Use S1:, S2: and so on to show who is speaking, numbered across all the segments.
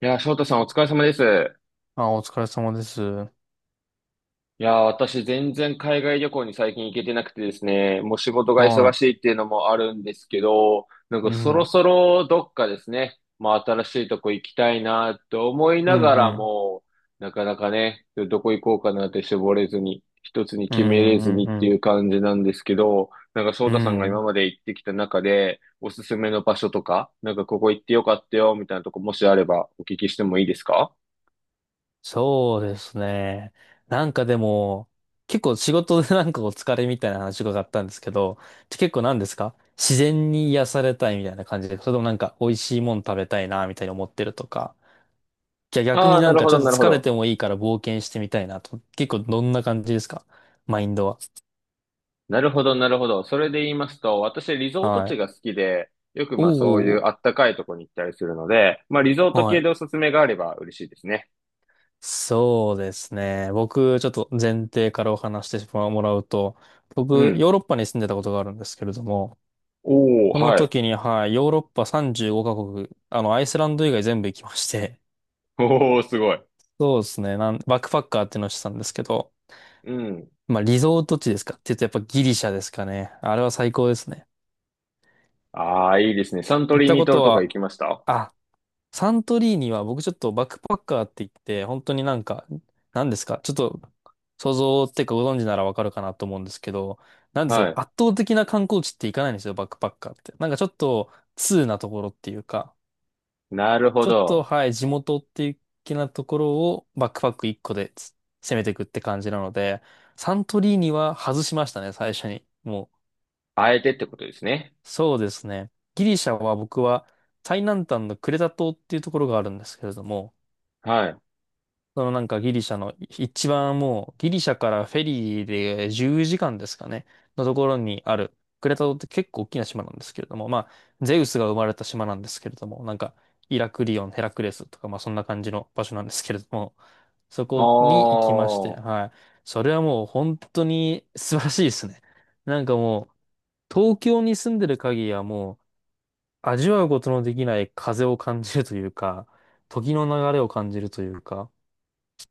S1: いやー、翔太さんお疲れ様です。
S2: あ、お疲れ様です。
S1: いやー、私全然海外旅行に最近行けてなくてですね、もう仕事が
S2: は
S1: 忙
S2: い。
S1: しいっていうのもあるんですけど、なん
S2: う
S1: かそろ
S2: ん。
S1: そろどっかですね、まあ新しいとこ行きたいなと思い
S2: う
S1: な
S2: ん
S1: が
S2: う
S1: ら
S2: ん。
S1: も、なかなかね、どこ行こうかなって絞れずに、一つに
S2: う
S1: 決めれず
S2: んう
S1: に
S2: ん
S1: っ
S2: う
S1: てい
S2: ん。
S1: う感じなんですけど、なんか翔
S2: う
S1: 太さんが今
S2: ん。
S1: まで行ってきた中で、おすすめの場所とか、なんかここ行ってよかったよみたいなとこもしあればお聞きしてもいいですか？
S2: そうですね。なんかでも、結構仕事でなんかお疲れみたいな話伺ったんですけど、結構何ですか、自然に癒されたいみたいな感じで、それともなんか美味しいもの食べたいなみたいに思ってるとか、じゃあ逆
S1: あ
S2: に
S1: あー、
S2: な
S1: な
S2: ん
S1: る
S2: か
S1: ほ
S2: ちょ
S1: ど、
S2: っと
S1: なるほ
S2: 疲れ
S1: ど。
S2: てもいいから冒険してみたいなと、結構どんな感じですか？マインドは。
S1: なるほど、なるほど。それで言いますと、私、リゾート
S2: は
S1: 地
S2: い。
S1: が好きで、よく
S2: お
S1: まあそういう
S2: ー、
S1: あったかいとこに行ったりするので、まあリゾート
S2: は
S1: 系
S2: い。
S1: でおすすめがあれば嬉しいですね。
S2: そうですね。僕、ちょっと前提からお話してもらうと、
S1: う
S2: 僕、
S1: ん。
S2: ヨーロッパに住んでたことがあるんですけれども、
S1: お
S2: そ
S1: ー、
S2: の
S1: はい。
S2: 時に、はい、ヨーロッパ35カ国、アイスランド以外全部行きまして、
S1: おー、すごい。
S2: そうですね、バックパッカーっていうのをしてたんですけど、
S1: うん。
S2: まあ、リゾート地ですかって言うとやっぱギリシャですかね。あれは最高ですね。
S1: ああ、いいですね。サント
S2: 行っ
S1: リー
S2: た
S1: ニ
S2: こ
S1: トロ
S2: と
S1: とか行
S2: は、
S1: きました？
S2: あ、サントリーニは僕ちょっとバックパッカーって言って、本当になんか、何ですか、ちょっと想像っていうか、ご存知ならわかるかなと思うんですけど、なんです
S1: は
S2: か、
S1: い。
S2: 圧倒的な観光地って行かないんですよ、バックパッカーって。なんかちょっと通なところっていうか、
S1: なるほ
S2: ちょっと
S1: ど。
S2: はい、地元っていう気なところをバックパック1個で攻めていくって感じなので、サントリーニは外しましたね、最初に。も
S1: あえてってことですね。
S2: う、そうですね。ギリシャは僕は最南端のクレタ島っていうところがあるんですけれども、
S1: はい。あ
S2: そのなんかギリシャの一番、もうギリシャからフェリーで10時間ですかね、のところにあるクレタ島って結構大きな島なんですけれども、まあゼウスが生まれた島なんですけれども、なんかイラクリオン、ヘラクレスとかまあそんな感じの場所なんですけれども、そ
S1: あ、
S2: こに行きまして、はい。それはもう本当に素晴らしいですね。なんかもう東京に住んでる限りはもう味わうことのできない風を感じるというか、時の流れを感じるというか、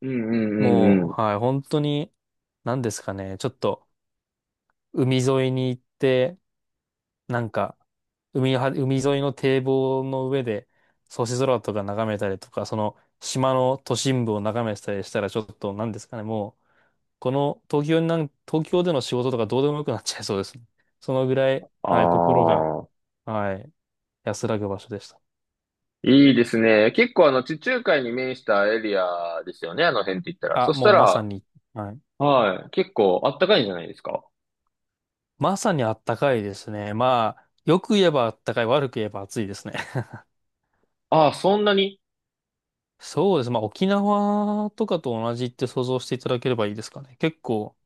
S1: うんうんうんう
S2: も
S1: ん。
S2: う、はい、本当に、何ですかね、ちょっと、海沿いに行って、なんか、海沿いの堤防の上で、星空とか眺めたりとか、その、島の都心部を眺めてたりしたら、ちょっと、何ですかね、もう、この、東京になん、東京での仕事とかどうでもよくなっちゃいそうですね。そのぐらい、
S1: あ
S2: はい、心が、
S1: あ、
S2: はい、安らぐ場所でした。
S1: いいですね。結構あの地中海に面したエリアですよね。あの辺って言ったら。そ
S2: あ、
S1: し
S2: も
S1: た
S2: うまさ
S1: ら、
S2: に、はい。
S1: はい。結構あったかいんじゃないですか？
S2: まさにあったかいですね。まあ、よく言えばあったかい、悪く言えば暑いですね。
S1: ああ、そんなに。
S2: そうですね。まあ、沖縄とかと同じって想像していただければいいですかね。結構、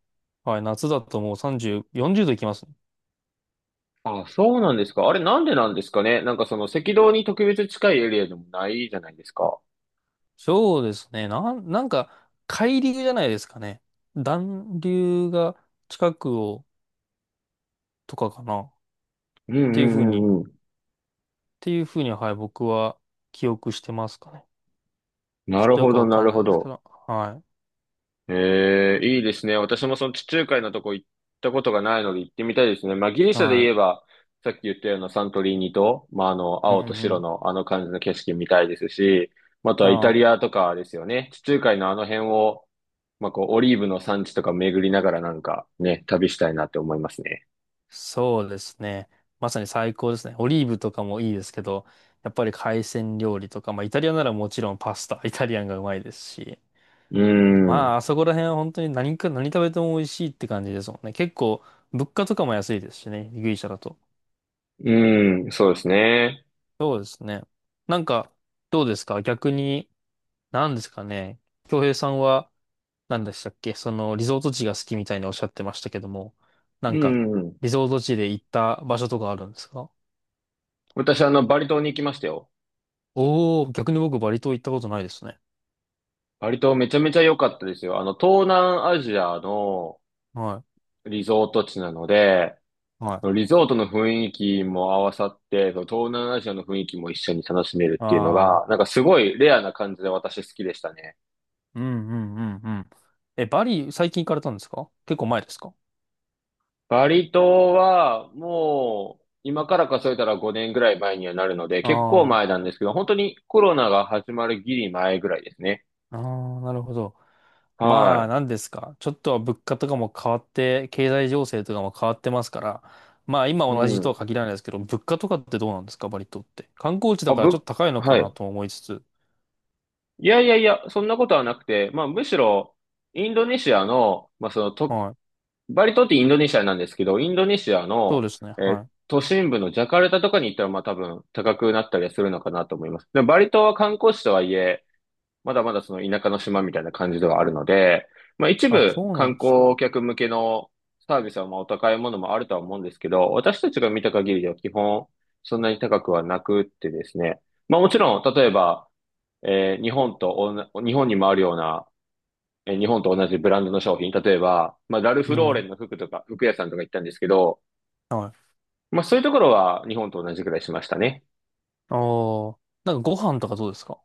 S2: はい、夏だともう30、40度いきますね。
S1: ああ、そうなんですか？あれなんでなんですかね。なんかその赤道に特別近いエリアでもないじゃないですか。
S2: そうですね。なんか、海流じゃないですかね。暖流が近くを、とかかな。っ
S1: うんう
S2: ていうふう
S1: ん
S2: に、っ
S1: うんうん。
S2: ていうふうに、はい、僕は記憶してますかね。ち
S1: な
S2: ょっ
S1: る
S2: とよ
S1: ほ
S2: く
S1: ど、
S2: わ
S1: な
S2: かん
S1: る
S2: な
S1: ほ
S2: いですけ
S1: ど。
S2: ど。は
S1: ええ、いいですね。私もその地中海のとこ行ったことがないので行ってみたいですね。まあ、ギリ
S2: い。
S1: シャで
S2: は
S1: 言えば、さっき言ったようなサントリーニと、まあ、あの、
S2: い。うん
S1: 青と
S2: う
S1: 白
S2: ん。
S1: のあの感じの景色見たいですし、まあとはイタ
S2: あ
S1: リ
S2: あ、
S1: アとかですよね。地中海のあの辺を、まあ、こう、オリーブの産地とか巡りながらなんかね、旅したいなって思いますね。
S2: そうですね。まさに最高ですね。オリーブとかもいいですけど、やっぱり海鮮料理とか、まあイタリアならもちろんパスタ、イタリアンがうまいですし、
S1: うん。
S2: まああそこら辺は本当に何か何食べても美味しいって感じですもんね。結構物価とかも安いですしね、ギリシャだと。
S1: うん、そうですね。
S2: そうですね。なんか、どうですか逆に、何ですかね。京平さんは何でしたっけ、そのリゾート地が好きみたいにおっしゃってましたけども、な
S1: う
S2: んか
S1: ん。
S2: リゾート地で行った場所とかあるんですか？
S1: 私、あの、バリ島に行きましたよ。
S2: おー、逆に僕バリ島行ったことないですね。
S1: バリ島めちゃめちゃ良かったですよ。あの、東南アジアの
S2: は
S1: リゾート地なので、
S2: い。はい。
S1: リゾートの雰囲気も合わさって、その東南アジアの雰囲気も一緒に楽しめるっていうの
S2: ああ、
S1: が、なんかすごいレアな感じで私好きでしたね。
S2: うんうんうんうん。え、バリ最近行かれたんですか？結構前ですか？
S1: バリ島はもう今から数えたら5年ぐらい前にはなるので、結構
S2: あ
S1: 前なんですけど、本当にコロナが始まるギリ前ぐらいですね。
S2: あ、ああ、なるほど。まあ、
S1: は
S2: なんですか。ちょっとは物価とかも変わって、経済情勢とかも変わってますから、まあ今
S1: い。う
S2: 同じと
S1: ん。
S2: は限らないですけど、物価とかってどうなんですか、バリ島って。観光地だ
S1: あ、
S2: からちょっ
S1: ぶ、
S2: と高いのか
S1: は
S2: な
S1: い。
S2: と思いつつ。
S1: いやいやいや、そんなことはなくて、まあむしろ、インドネシアの、まあそのと、
S2: はい。
S1: バリ島ってインドネシアなんですけど、インドネシア
S2: そうで
S1: の、
S2: すね。はい。
S1: 都心部のジャカルタとかに行ったら、まあ多分高くなったりはするのかなと思います。でもバリ島は観光地とはいえ、まだまだその田舎の島みたいな感じではあるので、まあ一
S2: あ、
S1: 部
S2: そうな
S1: 観
S2: んですね。
S1: 光客向けのサービスはまあお高いものもあるとは思うんですけど、私たちが見た限りでは基本そんなに高くはなくってですね。まあもちろん、例えば、えー日本とおんな、日本にもあるような日本と同じブランドの商品、例えば、まあ、ラル
S2: う
S1: フローレン
S2: ん。
S1: の服とか、服屋さんとか行ったんですけど、
S2: はい。
S1: まあ、そういうところは日本と同じくらいしましたね。
S2: ああ、なんかご飯とかどうですか？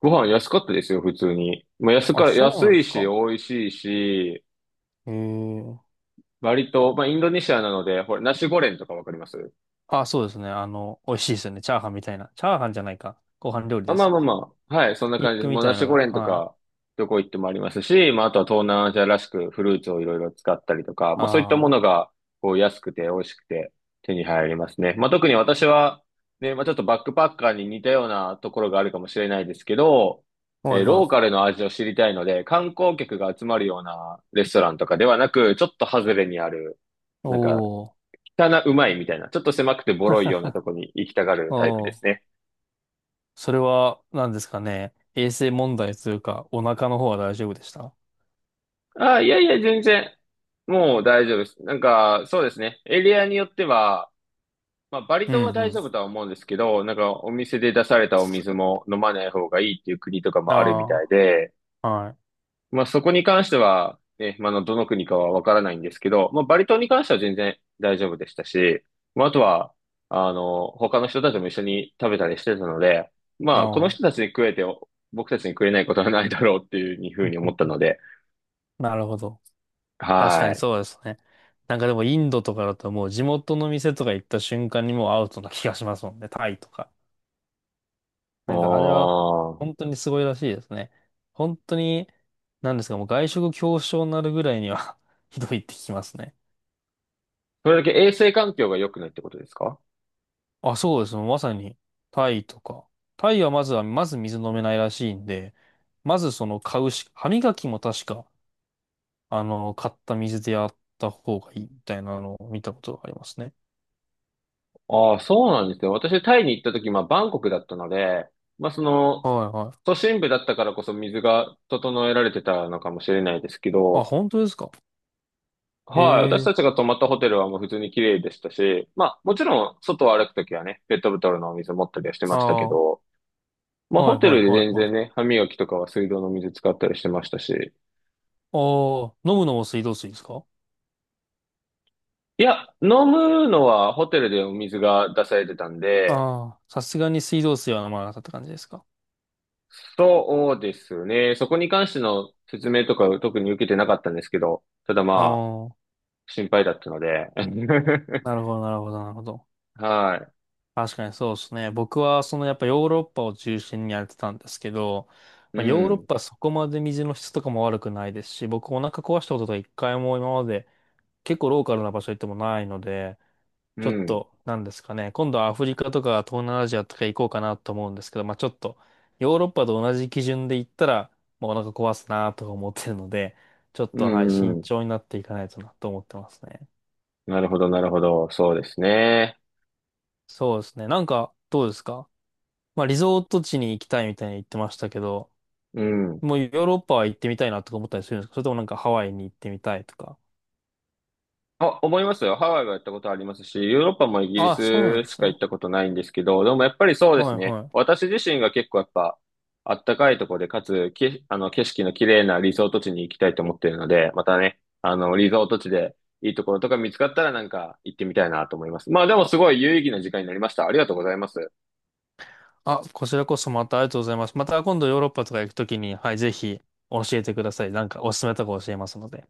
S1: ご飯安かったですよ、普通に。まあ、
S2: あ、そうな
S1: 安
S2: んで
S1: い
S2: す
S1: し、美
S2: か。
S1: 味しいし、
S2: えー、
S1: 割と、まあ、インドネシアなので、ほら、ナシゴレンとかわかります？
S2: あ、そうですね。あの、美味しいですよね。チャーハンみたいな。チャーハンじゃないか。ご飯料理
S1: あ、
S2: で
S1: ま
S2: す
S1: あ
S2: よ
S1: まあ
S2: ね。
S1: まあ。はい、そん
S2: ひ
S1: な
S2: き
S1: 感じで
S2: 肉
S1: す。
S2: み
S1: もう
S2: た
S1: ナ
S2: い
S1: シ
S2: の
S1: ゴ
S2: が。
S1: レンと
S2: は
S1: か、
S2: い。
S1: どこ行ってもありますし、まああとは東南アジアらしくフルーツをいろいろ使ったりとか、まあそういったも
S2: あ
S1: のが、こう安くて美味しくて手に入りますね。まあ特に私は、ね、まあちょっとバックパッカーに似たようなところがあるかもしれないですけど、
S2: あ。はいは
S1: ローカ
S2: い。
S1: ルの味を知りたいので、観光客が集まるようなレストランとかではなく、ちょっと外れにある、なんか、
S2: おー。
S1: 汚うまいみたいな、ちょっと狭くてボロいようなとこに行きたがるタイプ
S2: お
S1: です
S2: ー。
S1: ね。
S2: それは、何ですかね。衛生問題というか、お腹の方は大丈夫でした？
S1: あ、いやいや、全然。もう大丈夫です。なんか、そうですね。エリアによっては、まあ、バリ
S2: うん
S1: 島は
S2: う
S1: 大丈夫
S2: ん。
S1: とは思うんですけど、なんか、お店で出されたお水も飲まない方がいいっていう国とかもあるみた
S2: あ
S1: いで、
S2: あ。はい。
S1: まあ、そこに関しては、ね、まあ、あのどの国かはわからないんですけど、まあ、バリ島に関しては全然大丈夫でしたし、まあ、あとは、あの、他の人たちも一緒に食べたりしてたので、
S2: あ
S1: まあ、この
S2: ー、
S1: 人たちに食えて、僕たちに食えないことはないだろうっていうふうに思ったので、
S2: なるほど。確か
S1: は
S2: に
S1: い。
S2: そうですね。なんかでもインドとかだともう地元の店とか行った瞬間にもうアウトな気がしますもんね。タイとか。
S1: お
S2: なんかあれは本
S1: あ。
S2: 当にすごいらしいですね。本当に、なんですか、もう外食恐怖症になるぐらいには ひどいって聞きますね。
S1: それだけ衛生環境が良くないってことですか？
S2: あ、そうですね、まさにタイとか。タイはまず水飲めないらしいんで、まずその買うし、歯磨きも確か、あの、買った水でやった方がいいみたいなのを見たことがありますね。
S1: ああ、そうなんですよ。私、タイに行った時、まあ、バンコクだったので、まあ、その、
S2: はいはい。
S1: 都心部だったからこそ水が整えられてたのかもしれないですけ
S2: あ、
S1: ど、
S2: 本当ですか？へ
S1: はい、私
S2: え。
S1: たちが泊まったホテルはもう普通に綺麗でしたし、まあ、もちろん、外を歩くときはね、ペットボトルのお水持ったりはして
S2: あ
S1: ましたけ
S2: あ、は
S1: ど、ま
S2: い
S1: あ、
S2: は
S1: ホ
S2: い
S1: テ
S2: はい
S1: ルで
S2: は
S1: 全
S2: い。
S1: 然ね、歯磨きとかは水道の水使ったりしてましたし、
S2: ああ、飲むのも水道水ですか？
S1: いや、飲むのはホテルでお水が出されてたんで、
S2: ああ、さすがに水道水は飲まなかったって感じですか。
S1: そうですね。そこに関しての説明とかを特に受けてなかったんですけど、ただ
S2: あ
S1: まあ、
S2: あ、
S1: 心配だったので。
S2: なるほど、なるほど、なるほど。
S1: は
S2: 確かにそうですね。僕は、そのやっぱヨーロッパを中心にやってたんですけど、
S1: い。う
S2: まあ、ヨーロッ
S1: ん。
S2: パはそこまで水の質とかも悪くないですし、僕お腹壊したことが一回も今まで結構ローカルな場所行ってもないので、
S1: う
S2: ちょっ
S1: ん。
S2: と、なんですかね。今度はアフリカとか東南アジアとか行こうかなと思うんですけど、まあちょっと、ヨーロッパと同じ基準で行ったら、もうお腹壊すなとか思ってるので、ちょっ
S1: う
S2: と、はい、
S1: ん。
S2: 慎
S1: うん
S2: 重になっていかないとなと思ってますね。
S1: なるほど、なるほど。そうですね。
S2: そうですね。なんか、どうですか？まあリゾート地に行きたいみたいに言ってましたけど、
S1: うん。
S2: もうヨーロッパは行ってみたいなとか思ったりするんですか？それともなんかハワイに行ってみたいとか。
S1: あ、思いますよ。ハワイは行ったことありますし、ヨーロッパもイギリ
S2: ああ、そうなん
S1: ス
S2: で
S1: し
S2: す
S1: か行っ
S2: ね。
S1: たことないんですけど、でもやっぱりそうで
S2: は
S1: す
S2: い
S1: ね。
S2: はい。
S1: 私自身が結構やっぱ、あったかいところで、かつ、あの、景色の綺麗なリゾート地に行きたいと思っているので、またね、あの、リゾート地でいいところとか見つかったらなんか行ってみたいなと思います。まあでもすごい有意義な時間になりました。ありがとうございます。
S2: あ、こちらこそまたありがとうございます。また今度ヨーロッパとか行くときに、はい、ぜひ教えてください。なんかおすすめとか教えますので。